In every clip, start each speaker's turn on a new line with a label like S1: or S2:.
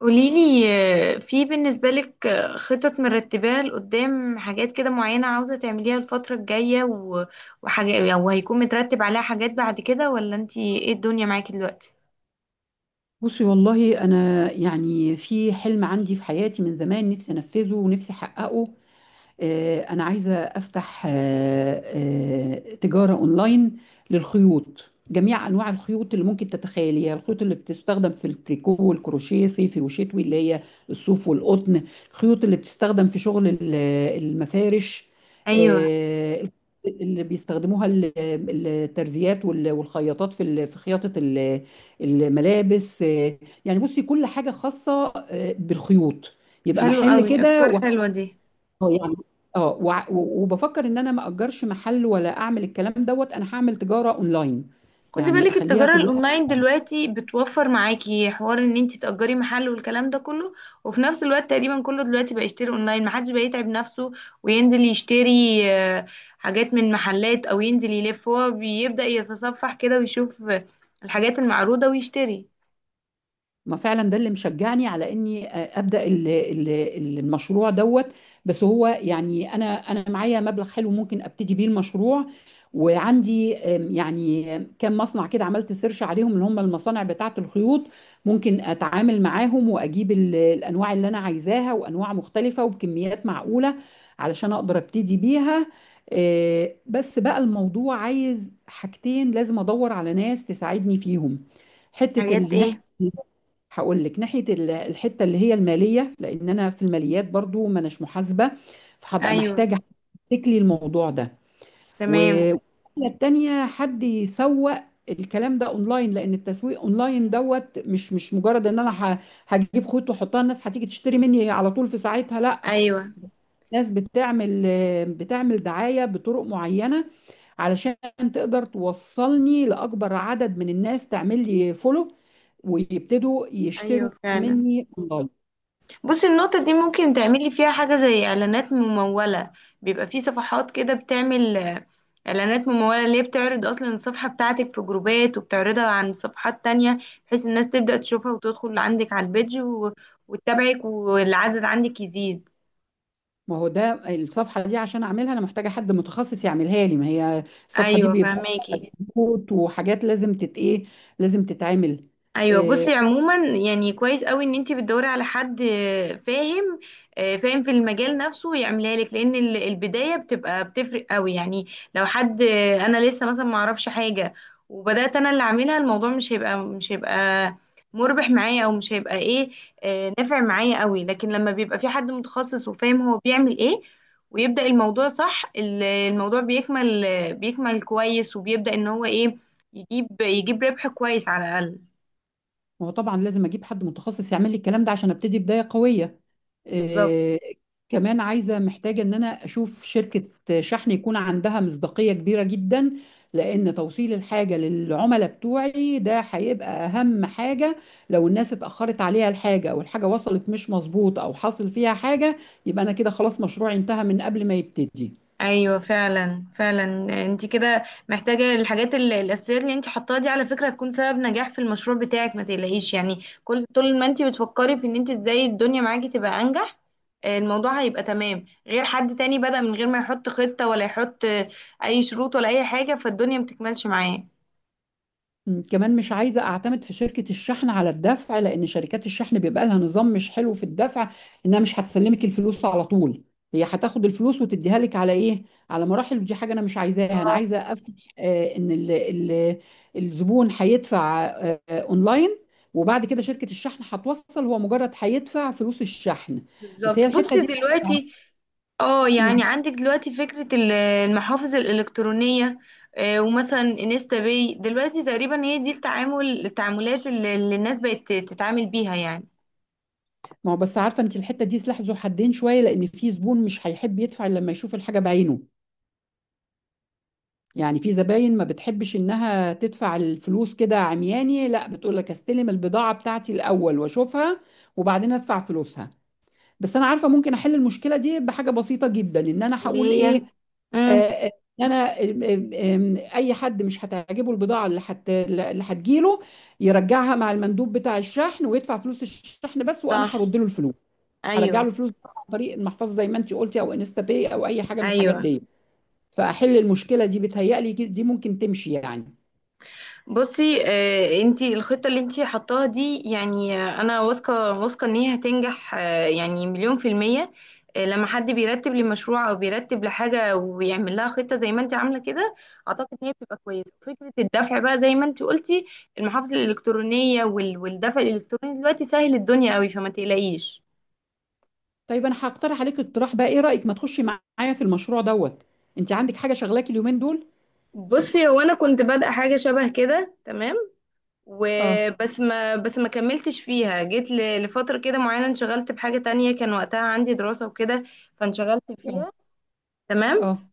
S1: قوليلي، في بالنسبة لك، خطط مرتباها لقدام، حاجات كده معينة عاوزة تعمليها الفترة الجاية وحاجة وهيكون مترتب عليها حاجات بعد كده، ولا انتي ايه الدنيا معاكي دلوقتي؟
S2: بصي والله انا يعني في حلم عندي في حياتي من زمان نفسي انفذه ونفسي احققه. أنا عايزة أفتح تجارة أونلاين للخيوط، جميع أنواع الخيوط اللي ممكن تتخيليها. الخيوط اللي بتستخدم في التريكو والكروشيه صيفي وشتوي اللي هي الصوف والقطن. الخيوط اللي بتستخدم في شغل المفارش،
S1: ايوه،
S2: آه، اللي بيستخدموها الترزيات والخياطات في في خياطة الملابس، يعني بصي كل حاجة خاصة بالخيوط، يبقى
S1: حلو
S2: محل
S1: قوي،
S2: كده.
S1: افكار حلوة دي.
S2: اه يعني. اه وبفكر ان انا ما اجرش محل ولا اعمل الكلام دوت، انا هعمل تجاره اونلاين
S1: خدي
S2: يعني
S1: بالك
S2: اخليها
S1: التجارة
S2: كلها.
S1: الأونلاين دلوقتي بتوفر معاكي حوار إن انتي تأجري محل والكلام ده كله، وفي نفس الوقت تقريبا كله دلوقتي بقى يشتري أونلاين، محدش بقى يتعب نفسه وينزل يشتري آه، حاجات من محلات أو ينزل يلف. هو بيبدأ يتصفح كده ويشوف الحاجات المعروضة ويشتري.
S2: ما فعلا ده اللي مشجعني على اني ابدا المشروع دوت. بس هو يعني انا معايا مبلغ حلو ممكن ابتدي بيه المشروع. وعندي يعني كام مصنع كده، عملت سيرش عليهم، اللي هم المصانع بتاعه الخيوط ممكن اتعامل معاهم واجيب الانواع اللي انا عايزاها، وانواع مختلفه وبكميات معقوله علشان اقدر ابتدي بيها. بس بقى الموضوع عايز حاجتين، لازم ادور على ناس تساعدني فيهم. حته
S1: حاجات إيه؟
S2: الناحيه، هقول لك ناحية الحتة اللي هي المالية، لأن أنا في الماليات برضو ما أناش محاسبة، فهبقى
S1: أيوه.
S2: محتاجة حد يمسك لي الموضوع ده.
S1: تمام.
S2: والناحية التانية حد يسوق الكلام ده اونلاين، لان التسويق اونلاين دوت مش مجرد ان انا هجيب خيط واحطها الناس هتيجي تشتري مني على طول في ساعتها، لا.
S1: أيوه.
S2: ناس بتعمل بتعمل دعاية بطرق معينة علشان تقدر توصلني لأكبر عدد من الناس، تعمل لي فولو ويبتدوا
S1: أيوه
S2: يشتروا
S1: فعلا.
S2: مني اونلاين.
S1: بصي، النقطة دي ممكن تعملي فيها حاجة زي إعلانات ممولة. بيبقى في صفحات كده بتعمل إعلانات ممولة، اللي هي بتعرض أصلا الصفحة بتاعتك في جروبات، وبتعرضها عن صفحات تانية، بحيث الناس تبدأ تشوفها وتدخل عندك على البيج وتتابعك والعدد عندك يزيد.
S2: ما هو ده الصفحه دي عشان اعملها انا محتاجه حد متخصص يعملها لي، ما هي الصفحه دي
S1: أيوة،
S2: بيبقى فيها
S1: فهماكي.
S2: شروط وحاجات لازم تت ايه، لازم تتعمل.
S1: ايوه
S2: آه،
S1: بصي، عموما يعني كويس قوي ان انت بتدوري على حد فاهم فاهم في المجال نفسه ويعملها لك، لان البدايه بتبقى بتفرق قوي يعني. لو حد انا لسه مثلا ما اعرفش حاجه، وبدات انا اللي اعملها، الموضوع مش هيبقى مربح معايا، او مش هيبقى ايه، نافع معايا قوي. لكن لما بيبقى في حد متخصص وفاهم هو بيعمل ايه، ويبدا الموضوع صح، الموضوع بيكمل كويس، وبيبدا ان هو ايه، يجيب ربح كويس على الاقل.
S2: ما هو طبعا لازم اجيب حد متخصص يعمل لي الكلام ده عشان ابتدي بدايه قويه.
S1: بالظبط.
S2: آه، كمان عايزة محتاجة ان انا اشوف شركة شحن يكون عندها مصداقية كبيرة جدا، لان توصيل الحاجة للعملاء بتوعي ده هيبقى اهم حاجة. لو الناس اتأخرت عليها الحاجة او الحاجة وصلت مش مظبوط او حصل فيها حاجة، يبقى انا كده خلاص مشروعي انتهى من قبل ما يبتدي.
S1: ايوه فعلا. انت كده محتاجه الحاجات الاساسيات اللي انت حطاها دي، على فكره هتكون سبب نجاح في المشروع بتاعك، ما تقلقيش يعني. كل طول ما انت بتفكري في ان انت ازاي الدنيا معاكي تبقى انجح، الموضوع هيبقى تمام، غير حد تاني بدأ من غير ما يحط خطه ولا يحط اي شروط ولا اي حاجه، فالدنيا ما بتكملش معاه.
S2: كمان مش عايزة أعتمد في شركة الشحن على الدفع، لأن شركات الشحن بيبقى لها نظام مش حلو في الدفع. إنها مش هتسلمك الفلوس على طول، هي هتاخد الفلوس وتديها لك على إيه؟ على مراحل، ودي حاجة أنا مش عايزاها. أنا عايزة أفتح إن ال الزبون هيدفع أونلاين، وبعد كده شركة الشحن هتوصل. هو مجرد هيدفع فلوس الشحن بس، هي
S1: بالظبط.
S2: الحتة
S1: بصي
S2: دي يعني.
S1: دلوقتي، اه يعني
S2: مم.
S1: عندك دلوقتي فكرة المحافظ الإلكترونية، ومثلا انستا باي، دلوقتي تقريبا هي دي التعامل، التعاملات اللي الناس بقت تتعامل بيها يعني.
S2: ما هو بس عارفة أنت الحتة دي سلاح ذو حدين شوية، لأن في زبون مش هيحب يدفع إلا لما يشوف الحاجة بعينه. يعني في زباين ما بتحبش انها تدفع الفلوس كده عمياني، لا، بتقول لك استلم البضاعة بتاعتي الاول واشوفها وبعدين ادفع فلوسها. بس انا عارفة ممكن احل المشكلة دي بحاجة بسيطة جدا، ان انا
S1: اللي
S2: هقول
S1: هي،
S2: ايه. آه،
S1: امم
S2: آه، إن انا آم، آم، آم، اي حد مش هتعجبه البضاعة اللي هتجيله يرجعها مع المندوب بتاع الشحن ويدفع فلوس الشحن بس، وانا
S1: صح.
S2: هرد له الفلوس. هرجع له
S1: ايوه.
S2: الفلوس عن طريق المحفظة زي ما انت قلتي، او انستا باي، او اي حاجة من الحاجات
S1: ايوه
S2: دي. فاحل المشكله دي بتهيألي دي ممكن تمشي يعني.
S1: بصي، انتي الخطة اللي انتي حطاها دي يعني، انا واثقة ان هي هتنجح، يعني مليون في المية. لما حد بيرتب لمشروع او بيرتب لحاجة ويعمل لها خطة زي ما انتي عاملة كده، اعتقد ان هي بتبقى كويسة. فكرة الدفع بقى زي ما انتي قلتي، المحافظ الالكترونية والدفع الالكتروني دلوقتي سهل الدنيا قوي، فما تقلقيش.
S2: طيب انا هقترح عليك اقتراح بقى، ايه رايك ما تخشي معايا في المشروع دوت؟ انت عندك حاجه شغلاكي اليومين دول؟
S1: بصي، هو انا كنت بادئة حاجة شبه كده تمام،
S2: اه.
S1: وبس ما بس ما كملتش فيها، جيت لفترة كده معينة انشغلت بحاجة تانية، كان وقتها عندي دراسة وكده فانشغلت
S2: اه.
S1: فيها. تمام.
S2: اه.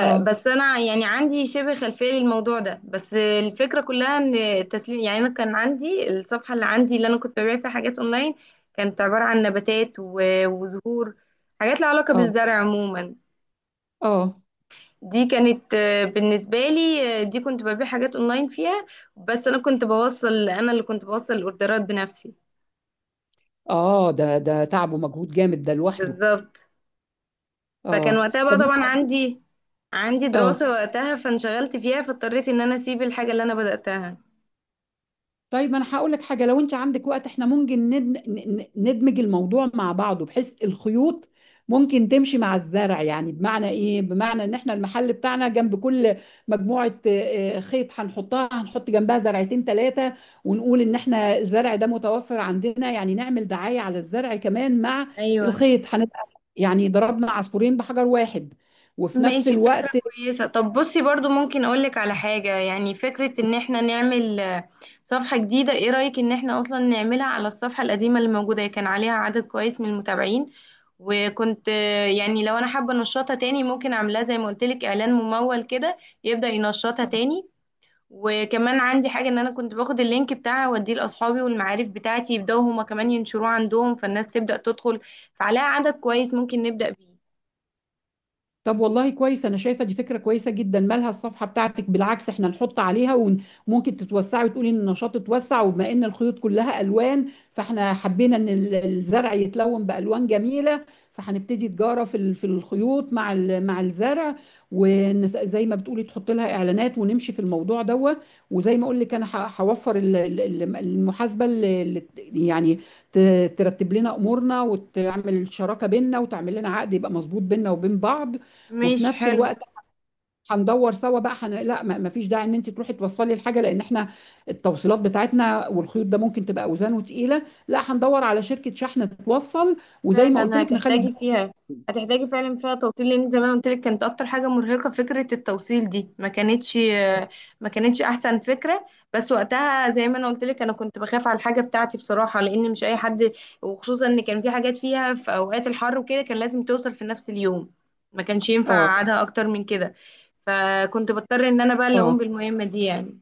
S2: اه.
S1: انا يعني عندي شبه خلفية للموضوع ده، بس الفكرة كلها ان التسليم يعني، انا كان عندي الصفحة اللي عندي، اللي انا كنت ببيع فيها حاجات اونلاين، كانت عبارة عن نباتات وزهور، حاجات لها علاقة
S2: اه.
S1: بالزرع عموما.
S2: اه.
S1: دي كانت بالنسبة لي، دي كنت ببيع حاجات اونلاين فيها. بس انا كنت بوصل، انا اللي كنت بوصل الاوردرات بنفسي.
S2: اه. ده تعب ومجهود جامد ده لوحده.
S1: بالظبط. فكان
S2: اه.
S1: وقتها بقى
S2: طب
S1: طبعا
S2: ما-
S1: عندي، عندي
S2: اه
S1: دراسة وقتها فانشغلت فيها، فاضطريت ان انا اسيب الحاجة اللي انا بدأتها.
S2: طيب انا هقول لك حاجه، لو انت عندك وقت احنا ممكن ندمج الموضوع مع بعضه، بحيث الخيوط ممكن تمشي مع الزرع. يعني بمعنى ايه؟ بمعنى ان احنا المحل بتاعنا جنب كل مجموعه خيط هنحطها، هنحط جنبها زرعتين ثلاثه، ونقول ان احنا الزرع ده متوفر عندنا. يعني نعمل دعايه على الزرع كمان مع
S1: ايوه
S2: الخيط، هنبقى يعني ضربنا عصفورين بحجر واحد. وفي نفس
S1: ماشي، فكرة
S2: الوقت.
S1: كويسة. طب بصي برضو ممكن اقولك على حاجة، يعني فكرة ان احنا نعمل صفحة جديدة، ايه رأيك ان احنا اصلا نعملها على الصفحة القديمة اللي موجودة، هي كان عليها عدد كويس من المتابعين، وكنت يعني لو انا حابة انشطها تاني، ممكن اعملها زي ما قلتلك اعلان ممول كده، يبدأ ينشطها تاني. وكمان عندي حاجة، ان انا كنت باخد اللينك بتاعها اوديه لاصحابي والمعارف بتاعتي، يبداوا هما كمان ينشروه عندهم، فالناس تبدأ تدخل، فعليها عدد كويس ممكن نبدأ بيه.
S2: طب والله كويس، انا شايفه دي فكره كويسه جدا. مالها الصفحه بتاعتك، بالعكس احنا نحط عليها. وممكن تتوسعي وتقولي ان النشاط اتوسع، وبما ان الخيوط كلها الوان، فاحنا حبينا ان الزرع يتلون بالوان جميله. فهنبتدي تجاره في في الخيوط مع مع الزرع. وزي ما بتقولي تحط لها اعلانات ونمشي في الموضوع دوت. وزي ما اقول لك انا هوفر المحاسبه اللي يعني ترتب لنا امورنا وتعمل شراكه بيننا، وتعمل لنا عقد يبقى مظبوط بيننا وبين بعض. وفي
S1: مش
S2: نفس
S1: حلو.
S2: الوقت هندور سوا بقى حن... لا، ما ما فيش داعي ان انت تروحي توصلي الحاجه، لان احنا التوصيلات بتاعتنا والخيوط ده ممكن تبقى اوزانه تقيله. لا هندور على شركه شحن توصل، وزي ما قلت
S1: فعلا
S2: لك نخلي
S1: هتحتاجي
S2: الدفع.
S1: فيها، هتحتاجي فعلا فيها توصيل، لان زي ما أنا قلت لك كانت اكتر حاجه مرهقه، فكره التوصيل دي ما كانتش احسن فكره. بس وقتها زي ما انا قلت لك، انا كنت بخاف على الحاجه بتاعتي بصراحه، لان مش اي حد، وخصوصا ان كان في حاجات فيها في اوقات الحر وكده، كان لازم توصل في نفس اليوم، ما كانش ينفع
S2: اه.
S1: اقعدها اكتر من كده، فكنت بضطر ان انا بقى اللي اقوم
S2: اه.
S1: بالمهمه دي يعني.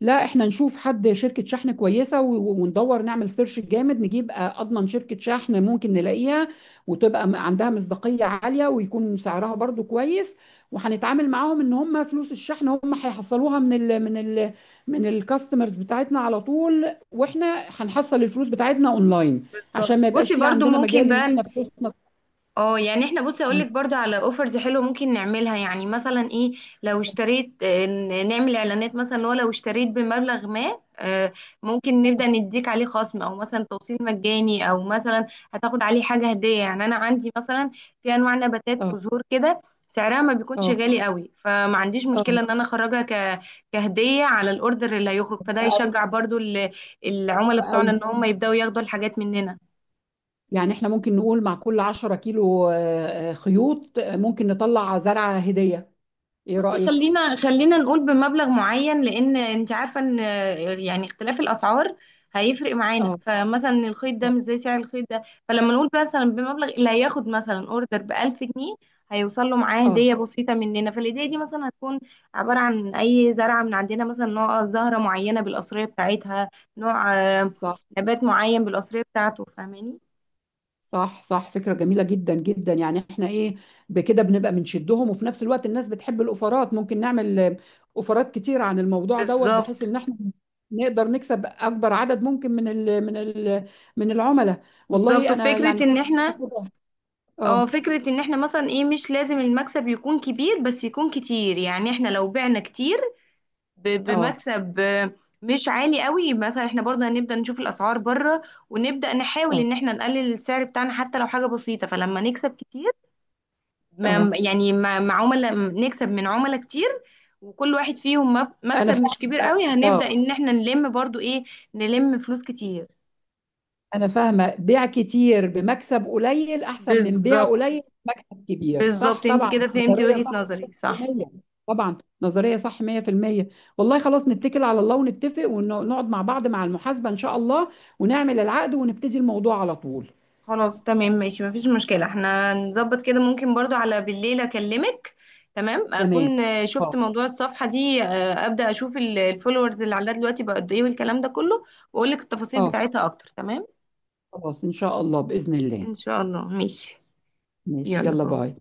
S2: لا احنا نشوف حد شركة شحن كويسة، وندور نعمل سيرش جامد نجيب اضمن شركة شحن ممكن نلاقيها وتبقى عندها مصداقية عالية ويكون سعرها برضو كويس. وهنتعامل معاهم ان هم فلوس الشحن هم هيحصلوها من ال من الكاستمرز بتاعتنا على طول، واحنا هنحصل الفلوس بتاعتنا اونلاين عشان
S1: بالظبط.
S2: ما يبقاش
S1: بصي
S2: في
S1: برضو
S2: عندنا
S1: ممكن
S2: مجال ان
S1: بقى،
S2: احنا فلوسنا.
S1: اه يعني احنا، بصي اقول لك
S2: مم.
S1: برضو على اوفرز حلوه ممكن نعملها، يعني مثلا ايه، لو اشتريت نعمل اعلانات مثلا، اللي هو لو اشتريت بمبلغ ما ممكن نبدا نديك عليه خصم، او مثلا توصيل مجاني، او مثلا هتاخد عليه حاجه هديه. يعني انا عندي مثلا في انواع نباتات
S2: اه.
S1: وزهور كده سعرها ما بيكونش
S2: اه.
S1: غالي قوي، فما عنديش
S2: اه.
S1: مشكله ان انا كهديه على الاوردر اللي هيخرج، فده
S2: او.
S1: هيشجع برضو العملاء بتوعنا
S2: أو
S1: ان هم يبداوا ياخدوا الحاجات مننا.
S2: يعني احنا ممكن نقول مع كل 10 كيلو خيوط، ممكن نطلع زرعة هدية، ايه
S1: بصي،
S2: رأيك؟
S1: خلينا نقول بمبلغ معين، لان انت عارفه ان يعني اختلاف الاسعار هيفرق معانا،
S2: اه.
S1: فمثلا الخيط ده
S2: اه.
S1: مش زي سعر الخيط ده، فلما نقول مثلا بمبلغ، اللي هياخد مثلا اوردر ب 1000 جنيه، هيوصل له معاه
S2: آه،
S1: هديه بسيطه مننا. فالهديه دي مثلا هتكون عباره عن اي زرعه من عندنا، مثلا نوع زهره معينه بالقصريه بتاعتها، نوع
S2: صح.
S1: نبات معين بالقصريه بتاعته، فاهماني؟
S2: صح. صح فكرة جميلة جدا جدا. يعني احنا ايه، بكده بنبقى بنشدهم. وفي نفس الوقت الناس بتحب الأوفرات، ممكن نعمل أوفرات كتير عن الموضوع دوت، بحيث
S1: بالظبط.
S2: ان احنا نقدر نكسب اكبر عدد ممكن من ال من العملاء.
S1: بالظبط.
S2: والله انا
S1: وفكرة
S2: يعني
S1: ان
S2: شايفة
S1: احنا،
S2: كده.
S1: اه،
S2: اه.
S1: فكرة ان احنا مثلا ايه، مش لازم المكسب يكون كبير، بس يكون كتير. يعني احنا لو بعنا كتير
S2: اه.
S1: بمكسب مش عالي قوي، مثلا احنا برضه هنبدأ نشوف الاسعار بره، ونبدأ نحاول
S2: اه.
S1: ان احنا نقلل السعر بتاعنا حتى لو حاجة بسيطة، فلما نكسب كتير،
S2: اه.
S1: يعني مع عملاء، نكسب من عملاء كتير، وكل واحد فيهم
S2: انا
S1: مكسب
S2: فعلا
S1: مش كبير
S2: اه.
S1: قوي، هنبدأ
S2: آه.
S1: ان احنا نلم برضه ايه، نلم فلوس كتير.
S2: أنا فاهمة، بيع كتير بمكسب قليل أحسن من بيع
S1: بالظبط.
S2: قليل بمكسب كبير، صح؟
S1: بالظبط، انت
S2: طبعا
S1: كده فهمتي
S2: نظرية صح
S1: وجهة نظري صح.
S2: 100%. طبعا نظرية صح 100%. والله خلاص، نتكل على الله ونتفق ونقعد مع بعض مع المحاسبة إن شاء الله، ونعمل العقد ونبتدي الموضوع على طول.
S1: خلاص تمام، ماشي مفيش مشكلة، احنا نظبط كده. ممكن برضو على بالليل اكلمك، تمام،
S2: تمام.
S1: اكون شفت
S2: اه.
S1: موضوع الصفحة دي، ابدأ اشوف الفولورز اللي عندها دلوقتي بقى قد ايه، والكلام ده كله، واقول لك التفاصيل
S2: اه.
S1: بتاعتها اكتر، تمام.
S2: خلاص إن شاء الله بإذن الله.
S1: ان شاء الله ماشي،
S2: ماشي
S1: يلا
S2: يلا
S1: باي.
S2: باي.